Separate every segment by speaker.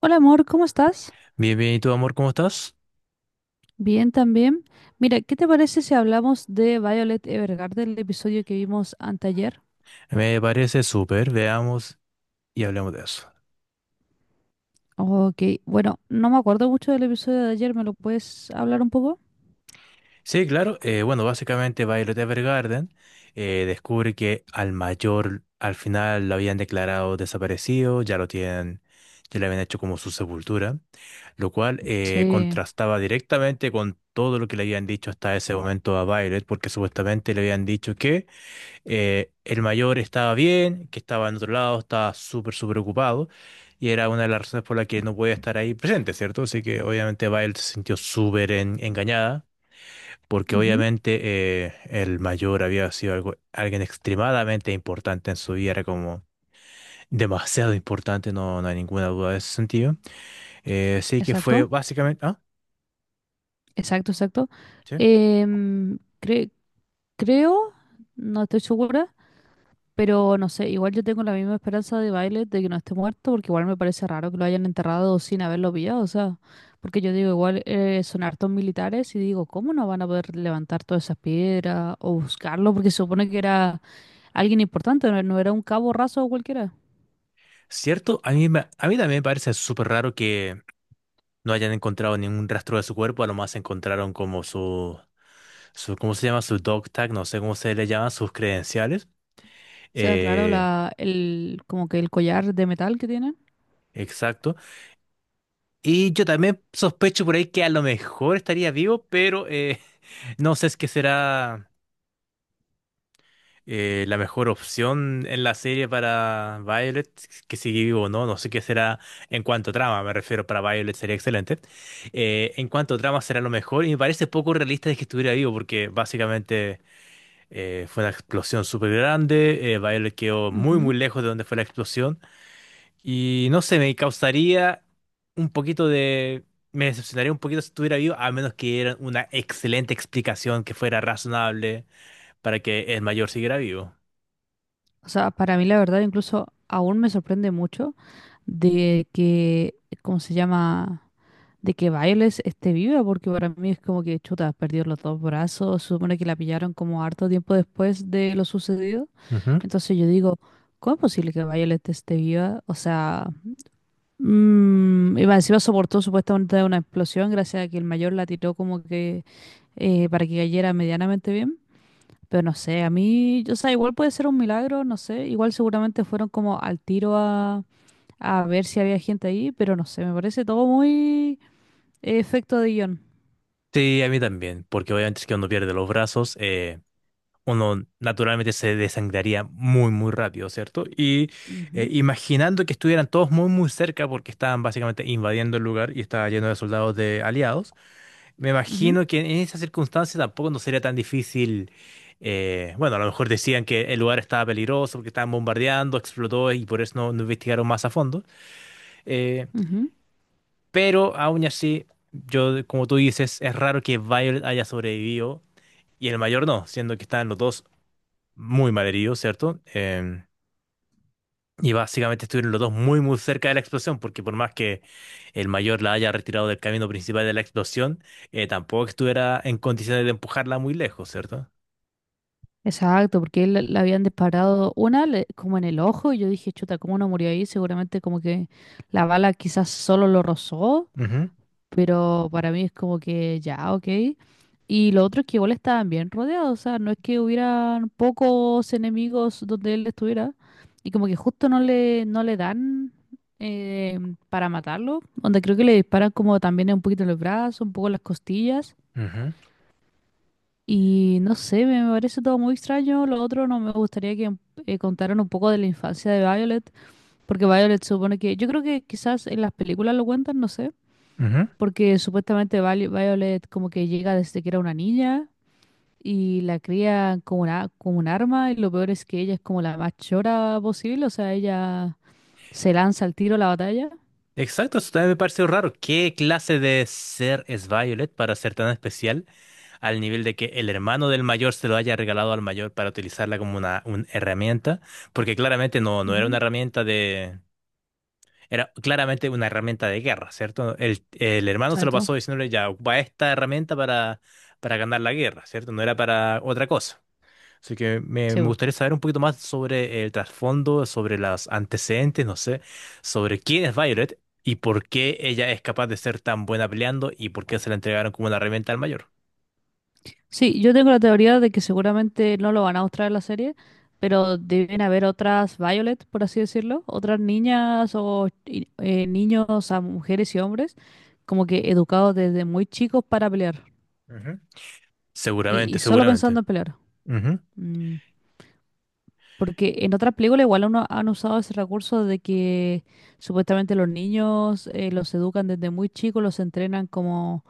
Speaker 1: Hola amor, ¿cómo estás?
Speaker 2: Bien, bien, ¿y tu amor, cómo estás?
Speaker 1: Bien también. Mira, ¿qué te parece si hablamos de Violet Evergarden, el episodio que vimos anteayer?
Speaker 2: Me parece súper, veamos y hablemos de eso.
Speaker 1: Ok, bueno, no me acuerdo mucho del episodio de ayer, ¿me lo puedes hablar un poco?
Speaker 2: Sí, claro, bueno, básicamente Violet Evergarden descubre que al mayor al final lo habían declarado desaparecido, ya lo tienen, ya le habían hecho como su sepultura, lo cual
Speaker 1: Sí.
Speaker 2: contrastaba directamente con todo lo que le habían dicho hasta ese momento a Violet, porque supuestamente le habían dicho que el mayor estaba bien, que estaba en otro lado, estaba súper, súper ocupado, y era una de las razones por la que no podía estar ahí presente, ¿cierto? Así que obviamente Violet se sintió súper engañada, porque
Speaker 1: Ujú.
Speaker 2: obviamente el mayor había sido algo, alguien extremadamente importante en su vida, era como demasiado importante, no, no hay ninguna duda de ese sentido. Así que fue
Speaker 1: Exacto,
Speaker 2: básicamente. ¿Ah?
Speaker 1: exacto, exacto.
Speaker 2: ¿Sí?
Speaker 1: Em, cre- Creo, no estoy segura. Pero no sé, igual yo tengo la misma esperanza de Violet de que no esté muerto, porque igual me parece raro que lo hayan enterrado sin haberlo pillado, o sea, porque yo digo, igual son hartos militares y digo, ¿cómo no van a poder levantar todas esas piedras o buscarlo? Porque se supone que era alguien importante, no, no era un cabo raso o cualquiera.
Speaker 2: ¿Cierto? A mí, a mí también me parece súper raro que no hayan encontrado ningún rastro de su cuerpo, a lo más encontraron como su, ¿cómo se llama? Su dog tag, no sé cómo se le llaman, sus credenciales.
Speaker 1: O sea, claro,
Speaker 2: Eh,
Speaker 1: la, el, como que el collar de metal que tienen.
Speaker 2: exacto. Y yo también sospecho por ahí que a lo mejor estaría vivo, pero no sé si es que será la mejor opción en la serie para Violet, que sigue vivo o no, no sé qué será en cuanto a trama, me refiero, para Violet sería excelente. En cuanto a trama será lo mejor y me parece poco realista de que estuviera vivo, porque básicamente. Fue una explosión súper grande. Violet quedó muy, muy
Speaker 1: Ujú.
Speaker 2: lejos de donde fue la explosión. Y no sé, me causaría un poquito de. Me decepcionaría un poquito si estuviera vivo, a menos que dieran una excelente explicación que fuera razonable para que el mayor siguiera vivo.
Speaker 1: O sea, para mí la verdad incluso aún me sorprende mucho de que, ¿cómo se llama? De que Violet esté viva, porque para mí es como que chuta, perdió los dos brazos, se supone que la pillaron como harto tiempo después de lo sucedido.
Speaker 2: Ujú.
Speaker 1: Entonces yo digo, ¿cómo es posible que Violet esté viva? O sea, mm, y más encima soportó supuestamente una explosión gracias a que el mayor la tiró como que para que cayera medianamente bien. Pero no sé, a mí, o sea, igual puede ser un milagro, no sé, igual seguramente fueron como al tiro a ver si había gente ahí, pero no sé, me parece todo muy efecto de guión.
Speaker 2: Sí, a mí también, porque obviamente es que uno pierde los brazos. Uno naturalmente se desangraría muy, muy rápido, ¿cierto? Y
Speaker 1: Ujú.
Speaker 2: imaginando que estuvieran todos muy, muy cerca porque estaban básicamente invadiendo el lugar y estaba lleno de soldados de aliados, me
Speaker 1: Ujú,
Speaker 2: imagino que en esas circunstancias tampoco no sería tan difícil. Bueno, a lo mejor decían que el lugar estaba peligroso porque estaban bombardeando, explotó y por eso no, no investigaron más a fondo. eh,
Speaker 1: ujú.
Speaker 2: pero aún así, yo, como tú dices, es raro que Violet haya sobrevivido y el mayor no, siendo que estaban los dos muy mal herido, ¿cierto? Y básicamente estuvieron los dos muy, muy cerca de la explosión, porque por más que el mayor la haya retirado del camino principal de la explosión, tampoco estuviera en condiciones de empujarla muy lejos, cierto.
Speaker 1: Exacto, porque él le habían disparado una como en el ojo y yo dije, chuta, ¿cómo no murió ahí? Seguramente como que la bala quizás solo lo rozó,
Speaker 2: Ujú,
Speaker 1: pero para mí es como que ya, ok. Y lo otro es que igual estaban bien rodeados, o sea, no es que hubieran pocos enemigos donde él estuviera y como que justo no le, no le dan eh, para matarlo, donde creo que le disparan como también un poquito en los brazos, un poco en las costillas.
Speaker 2: ujú,
Speaker 1: Y no sé, me parece todo muy extraño. Lo otro no me gustaría que contaran un poco de la infancia de Violet, porque Violet supone que, yo creo que quizás en las películas lo cuentan, no sé,
Speaker 2: ujú.
Speaker 1: porque supuestamente Violet como que llega desde que era una niña y la cría como una, como un arma y lo peor es que ella es como la más chora posible, o sea, ella se lanza al tiro a la batalla.
Speaker 2: Exacto, eso también me pareció raro. ¿Qué clase de ser es Violet para ser tan especial al nivel de que el hermano del mayor se lo haya regalado al mayor para utilizarla como una herramienta? Porque claramente no, no era una
Speaker 1: Ujú,
Speaker 2: herramienta de. Era claramente una herramienta de guerra, ¿cierto? El hermano se lo
Speaker 1: exacto.
Speaker 2: pasó diciéndole, ya, ocupa esta herramienta para ganar la guerra, ¿cierto? No era para otra cosa. Así que me,
Speaker 1: Sí,
Speaker 2: me gustaría saber un poquito más sobre el trasfondo, sobre los antecedentes, no sé, sobre quién es Violet y por qué ella es capaz de ser tan buena peleando y por qué se la entregaron como una herramienta al mayor.
Speaker 1: Sí, yo tengo la teoría de que seguramente no lo van a mostrar en la serie, pero deben haber otras Violet, por así decirlo, otras niñas o niños a mujeres y hombres, como que educados desde muy chicos para pelear
Speaker 2: Ujú. Seguramente,
Speaker 1: y solo
Speaker 2: seguramente.
Speaker 1: pensando en pelear.
Speaker 2: Ujú,
Speaker 1: Mm. Porque en otras películas igual uno han usado ese recurso de que supuestamente los niños los educan desde muy chicos, los entrenan como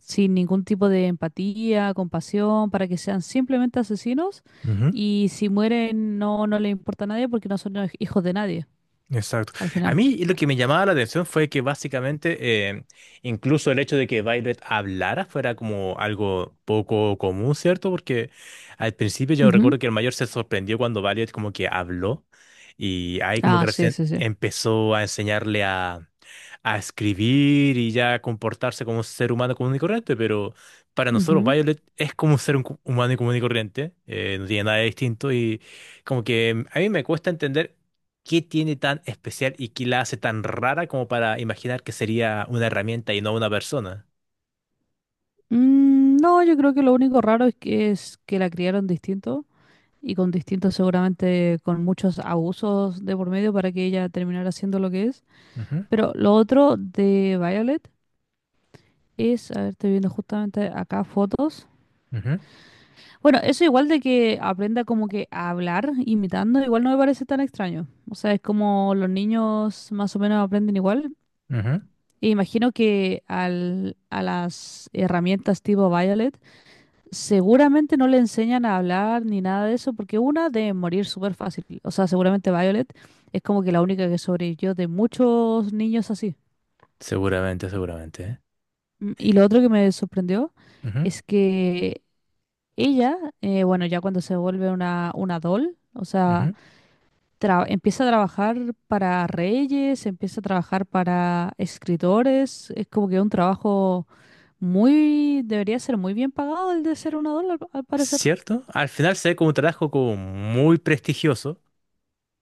Speaker 1: sin ningún tipo de empatía, compasión, para que sean simplemente asesinos
Speaker 2: ujú.
Speaker 1: y si mueren no, no les importa a nadie porque no son hijos de nadie
Speaker 2: Exacto.
Speaker 1: al
Speaker 2: A
Speaker 1: final.
Speaker 2: mí lo que me llamaba la atención fue que básicamente incluso el hecho de que Violet hablara fuera como algo poco común, ¿cierto? Porque al principio yo recuerdo
Speaker 1: Ujú.
Speaker 2: que el mayor se sorprendió cuando Violet como que habló y ahí como que
Speaker 1: Ah, sí,
Speaker 2: recién
Speaker 1: sí, sí.
Speaker 2: empezó a enseñarle a escribir y ya a comportarse como un ser humano común y corriente, pero para nosotros
Speaker 1: Ujú.
Speaker 2: Violet es como un ser un humano y común y corriente, no tiene nada de distinto y como que a mí me cuesta entender qué tiene tan especial y qué la hace tan rara como para imaginar que sería una herramienta y no una persona.
Speaker 1: Mm, no, yo creo que lo único raro es que la criaron distinto. Y con distintos, seguramente con muchos abusos de por medio para que ella terminara siendo lo que es.
Speaker 2: Ujú,
Speaker 1: Pero lo otro de Violet es, a ver, estoy viendo justamente acá fotos.
Speaker 2: ujú,
Speaker 1: Bueno, eso igual de que aprenda como que a hablar imitando, igual no me parece tan extraño. O sea, es como los niños más o menos aprenden igual.
Speaker 2: ujú,
Speaker 1: E imagino que al, a las herramientas tipo Violet seguramente no le enseñan a hablar ni nada de eso, porque una debe morir súper fácil. O sea, seguramente Violet es como que la única que sobrevivió de muchos niños así.
Speaker 2: seguramente, seguramente, ¿eh?
Speaker 1: Mm. Y lo otro que me sorprendió
Speaker 2: Ujú,
Speaker 1: es que ella, bueno, ya cuando se vuelve una doll, o sea,
Speaker 2: ujú.
Speaker 1: empieza a trabajar para reyes, empieza a trabajar para escritores, es como que un trabajo muy, debería ser muy bien pagado el de ser una doll, al, al parecer.
Speaker 2: ¿Cierto? Al final se ve como un trabajo como muy prestigioso.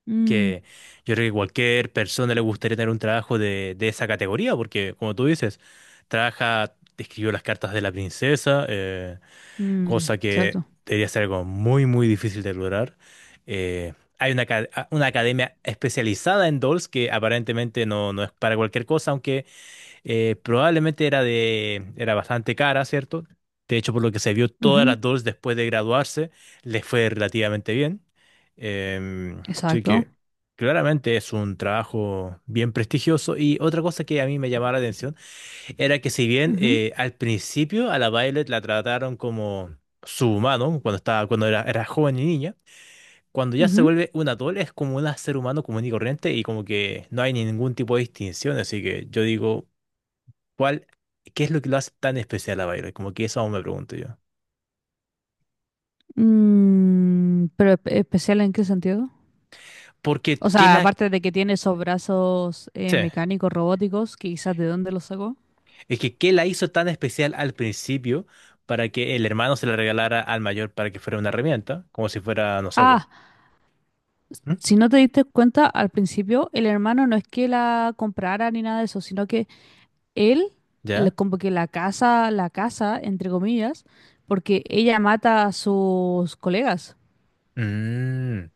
Speaker 1: Mm,
Speaker 2: Que yo creo que cualquier persona le gustaría tener un trabajo de esa categoría, porque como tú dices, trabaja, escribió las cartas de la princesa,
Speaker 1: mm,
Speaker 2: cosa que
Speaker 1: exacto.
Speaker 2: debería ser algo muy, muy difícil de lograr. Eh, Hay una academia especializada en dolls que aparentemente no, no es para cualquier cosa, aunque probablemente era bastante cara, ¿cierto? De hecho, por lo que se vio, todas
Speaker 1: Ujú,
Speaker 2: las dos después de graduarse les fue relativamente bien. Em, Así
Speaker 1: exacto.
Speaker 2: que claramente es un trabajo bien prestigioso. Y otra cosa que a mí me llamaba la atención era que si bien
Speaker 1: Ujú,
Speaker 2: al principio a la Violet la trataron como su humano, cuando era joven y niña, cuando ya se
Speaker 1: ujú.
Speaker 2: vuelve un atol es como un ser humano común y corriente y como que no hay ningún tipo de distinción. Así que yo digo... ¿Cuál, ¿qué es lo que lo hace tan especial a Violet? Como que eso aún me pregunto yo.
Speaker 1: Mm, pero ¿especial en qué sentido?
Speaker 2: Porque,
Speaker 1: O
Speaker 2: ¿qué
Speaker 1: sea,
Speaker 2: la,
Speaker 1: aparte de que tiene esos brazos
Speaker 2: sí,
Speaker 1: mecánicos, robóticos, que quizás de dónde los sacó.
Speaker 2: es que, ¿qué la hizo tan especial al principio para que el hermano se la regalara al mayor para que fuera una herramienta? Como si fuera, no sé, vos.
Speaker 1: Ah, si no te diste cuenta al principio, el hermano no es que la comprara ni nada de eso, sino que él,
Speaker 2: ¿Ya?
Speaker 1: como que la casa, entre comillas, porque ella mata a sus colegas.
Speaker 2: Mm,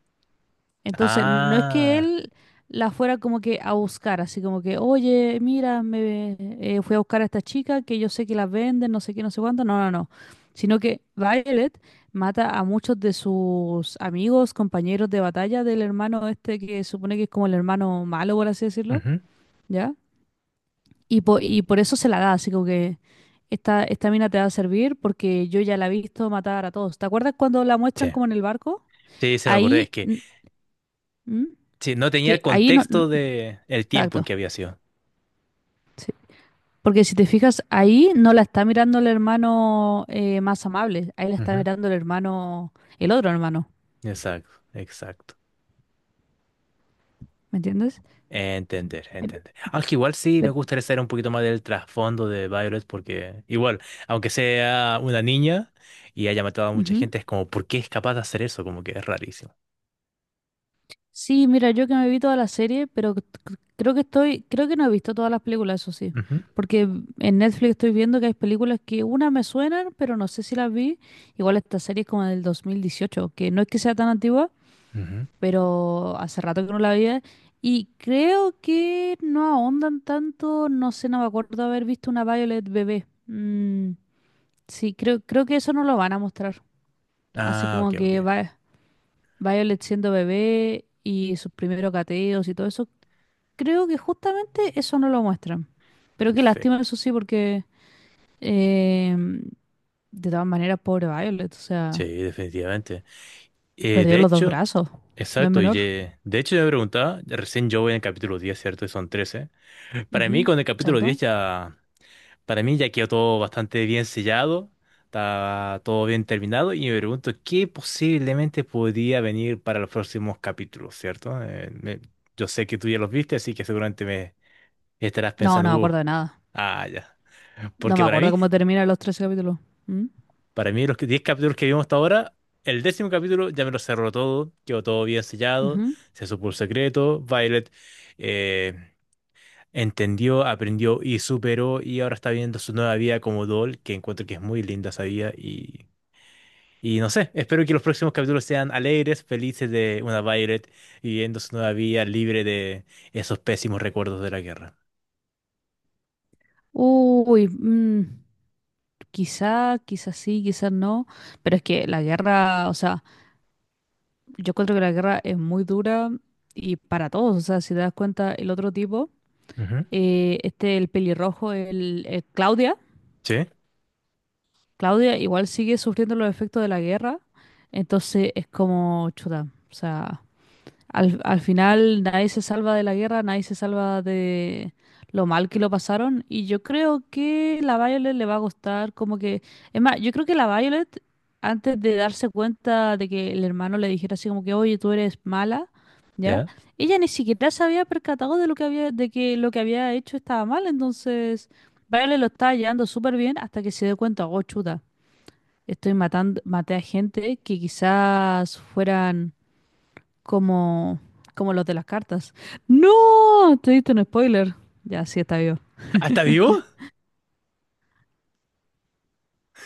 Speaker 1: Entonces, no es que
Speaker 2: ah,
Speaker 1: él la fuera como que a buscar, así como que, oye, mira, me fui a buscar a esta chica que yo sé que las venden, no sé qué, no sé cuánto. No, no, no. Sino que Violet mata a muchos de sus amigos, compañeros de batalla del hermano este que supone que es como el hermano malo, por así decirlo,
Speaker 2: ujú,
Speaker 1: ¿ya? Y, y por eso se la da, así como que esta mina te va a servir porque yo ya la he visto matar a todos. ¿Te acuerdas cuando la muestran
Speaker 2: sí.
Speaker 1: como en el barco?
Speaker 2: Sí, se me acordé, es
Speaker 1: Ahí,
Speaker 2: que
Speaker 1: mm, mm,
Speaker 2: sí, no tenía el
Speaker 1: que ahí no.
Speaker 2: contexto de el tiempo en
Speaker 1: Exacto.
Speaker 2: que había sido.
Speaker 1: Porque si te fijas, ahí no la está mirando el hermano más amable, ahí la está
Speaker 2: Ujú,
Speaker 1: mirando el hermano, el otro hermano,
Speaker 2: exacto, exacto.
Speaker 1: ¿me entiendes?
Speaker 2: Entender,
Speaker 1: Pero-
Speaker 2: entender. Aunque igual sí me
Speaker 1: pero-
Speaker 2: gustaría saber un poquito más del trasfondo de Violet, porque igual, aunque sea una niña y haya matado a mucha
Speaker 1: ujú.
Speaker 2: gente, es como, ¿por qué es capaz de hacer eso? Como que es rarísimo.
Speaker 1: Sí, mira, yo que me vi toda la serie, pero creo que estoy, creo que no he visto todas las películas, eso sí.
Speaker 2: Ujú,
Speaker 1: Porque en Netflix estoy viendo que hay películas que una me suenan, pero no sé si las vi. Igual esta serie es como del 2018, que no es que sea tan antigua,
Speaker 2: ujú.
Speaker 1: pero hace rato que no la veía. Y creo que no ahondan tanto, no sé, no me acuerdo haber visto una Violet bebé. Mm, sí, creo, creo que eso no lo van a mostrar. Así
Speaker 2: Ah,
Speaker 1: como
Speaker 2: ok, ok.
Speaker 1: que Violet siendo bebé y sus primeros gateos y todo eso, creo que justamente eso no lo muestran. Pero qué lástima,
Speaker 2: Perfecto.
Speaker 1: eso sí, porque eh, de todas maneras, pobre Violet, o
Speaker 2: Sí,
Speaker 1: sea,
Speaker 2: definitivamente.
Speaker 1: perdió
Speaker 2: De
Speaker 1: los dos
Speaker 2: hecho,
Speaker 1: brazos, no es
Speaker 2: exacto, y
Speaker 1: menor.
Speaker 2: de hecho yo me preguntaba, recién yo voy en el capítulo 10, ¿cierto? Y son 13. Para mí
Speaker 1: Ujú,
Speaker 2: con el capítulo
Speaker 1: exacto.
Speaker 2: diez ya... Para mí ya quedó todo bastante bien sellado, está todo bien terminado y me pregunto qué posiblemente podría venir para los próximos capítulos, ¿cierto? Yo sé que tú ya los viste, así que seguramente me estarás
Speaker 1: No,
Speaker 2: pensando,
Speaker 1: no me
Speaker 2: "
Speaker 1: acuerdo de nada.
Speaker 2: ah, ya.
Speaker 1: No
Speaker 2: Porque
Speaker 1: me
Speaker 2: para
Speaker 1: acuerdo
Speaker 2: mí,
Speaker 1: cómo terminan los 13 capítulos. ¿Mm?
Speaker 2: 10 capítulos que vimos hasta ahora, el décimo capítulo ya me lo cerró todo, quedó todo bien sellado,
Speaker 1: Ujú.
Speaker 2: se supo el secreto, Violet eh, entendió, aprendió y superó y ahora está viendo su nueva vida como Doll, que encuentro que es muy linda esa vida y no sé, espero que los próximos capítulos sean alegres, felices de una Violet viviendo su nueva vida libre de esos pésimos recuerdos de la guerra.
Speaker 1: Uy, mm, quizá, quizás sí, quizás no. Pero es que la guerra, o sea, yo encuentro que la guerra es muy dura y para todos. O sea, si te das cuenta, el otro tipo,
Speaker 2: Ujú.
Speaker 1: este, el pelirrojo, el, Claudia,
Speaker 2: ¿Sí?
Speaker 1: Claudia igual sigue sufriendo los efectos de la guerra. Entonces es como chuta. O sea. Al, al final nadie se salva de la guerra, nadie se salva de lo mal que lo pasaron. Y yo creo que la Violet le va a gustar como que... Es más, yo creo que la Violet, antes de darse cuenta de que el hermano le dijera así como que, oye, tú eres mala, ¿ya?
Speaker 2: ¿Ya?
Speaker 1: Ella ni siquiera se había percatado de lo que había, de que lo que había hecho estaba mal. Entonces, Violet lo estaba llevando súper bien hasta que se dio cuenta, oh, chuta, estoy matando, maté a gente que quizás fueran como, como los de las cartas. ¡No! Te diste un spoiler. Ya, sí está vivo.
Speaker 2: ¿Ah, está vivo?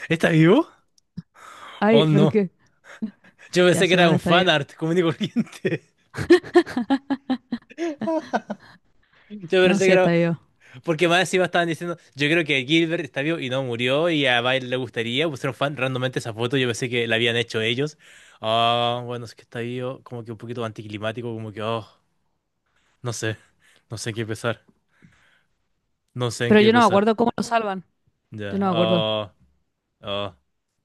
Speaker 2: ¿Está vivo? Oh,
Speaker 1: Ay, pero
Speaker 2: no.
Speaker 1: qué.
Speaker 2: Yo
Speaker 1: Ya,
Speaker 2: pensé que
Speaker 1: sí,
Speaker 2: era
Speaker 1: bueno,
Speaker 2: un
Speaker 1: está vivo.
Speaker 2: fanart común y corriente. Yo
Speaker 1: No,
Speaker 2: pensé que
Speaker 1: sí
Speaker 2: era.
Speaker 1: está vivo.
Speaker 2: Porque más encima estaban diciendo, yo creo que Gilbert está vivo y no murió y a Bile le gustaría. Pusieron fan randommente esa foto, yo pensé que la habían hecho ellos. Ah, bueno, es que está vivo, como que un poquito anticlimático, como que, oh, no sé, no sé en qué pensar, no sé en
Speaker 1: Pero
Speaker 2: qué
Speaker 1: yo no me
Speaker 2: pensar.
Speaker 1: acuerdo cómo lo salvan. Yo
Speaker 2: Ya,
Speaker 1: no me acuerdo.
Speaker 2: oh, oh,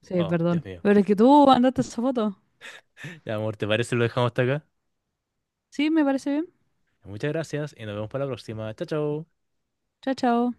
Speaker 1: Sí,
Speaker 2: oh, Dios
Speaker 1: perdón.
Speaker 2: mío.
Speaker 1: Pero es que tú mandaste esa foto.
Speaker 2: Ya, amor, ¿te parece si lo dejamos hasta acá?
Speaker 1: Sí, me parece bien.
Speaker 2: Muchas gracias y nos vemos para la próxima. Chao, chao.
Speaker 1: Chao, chao.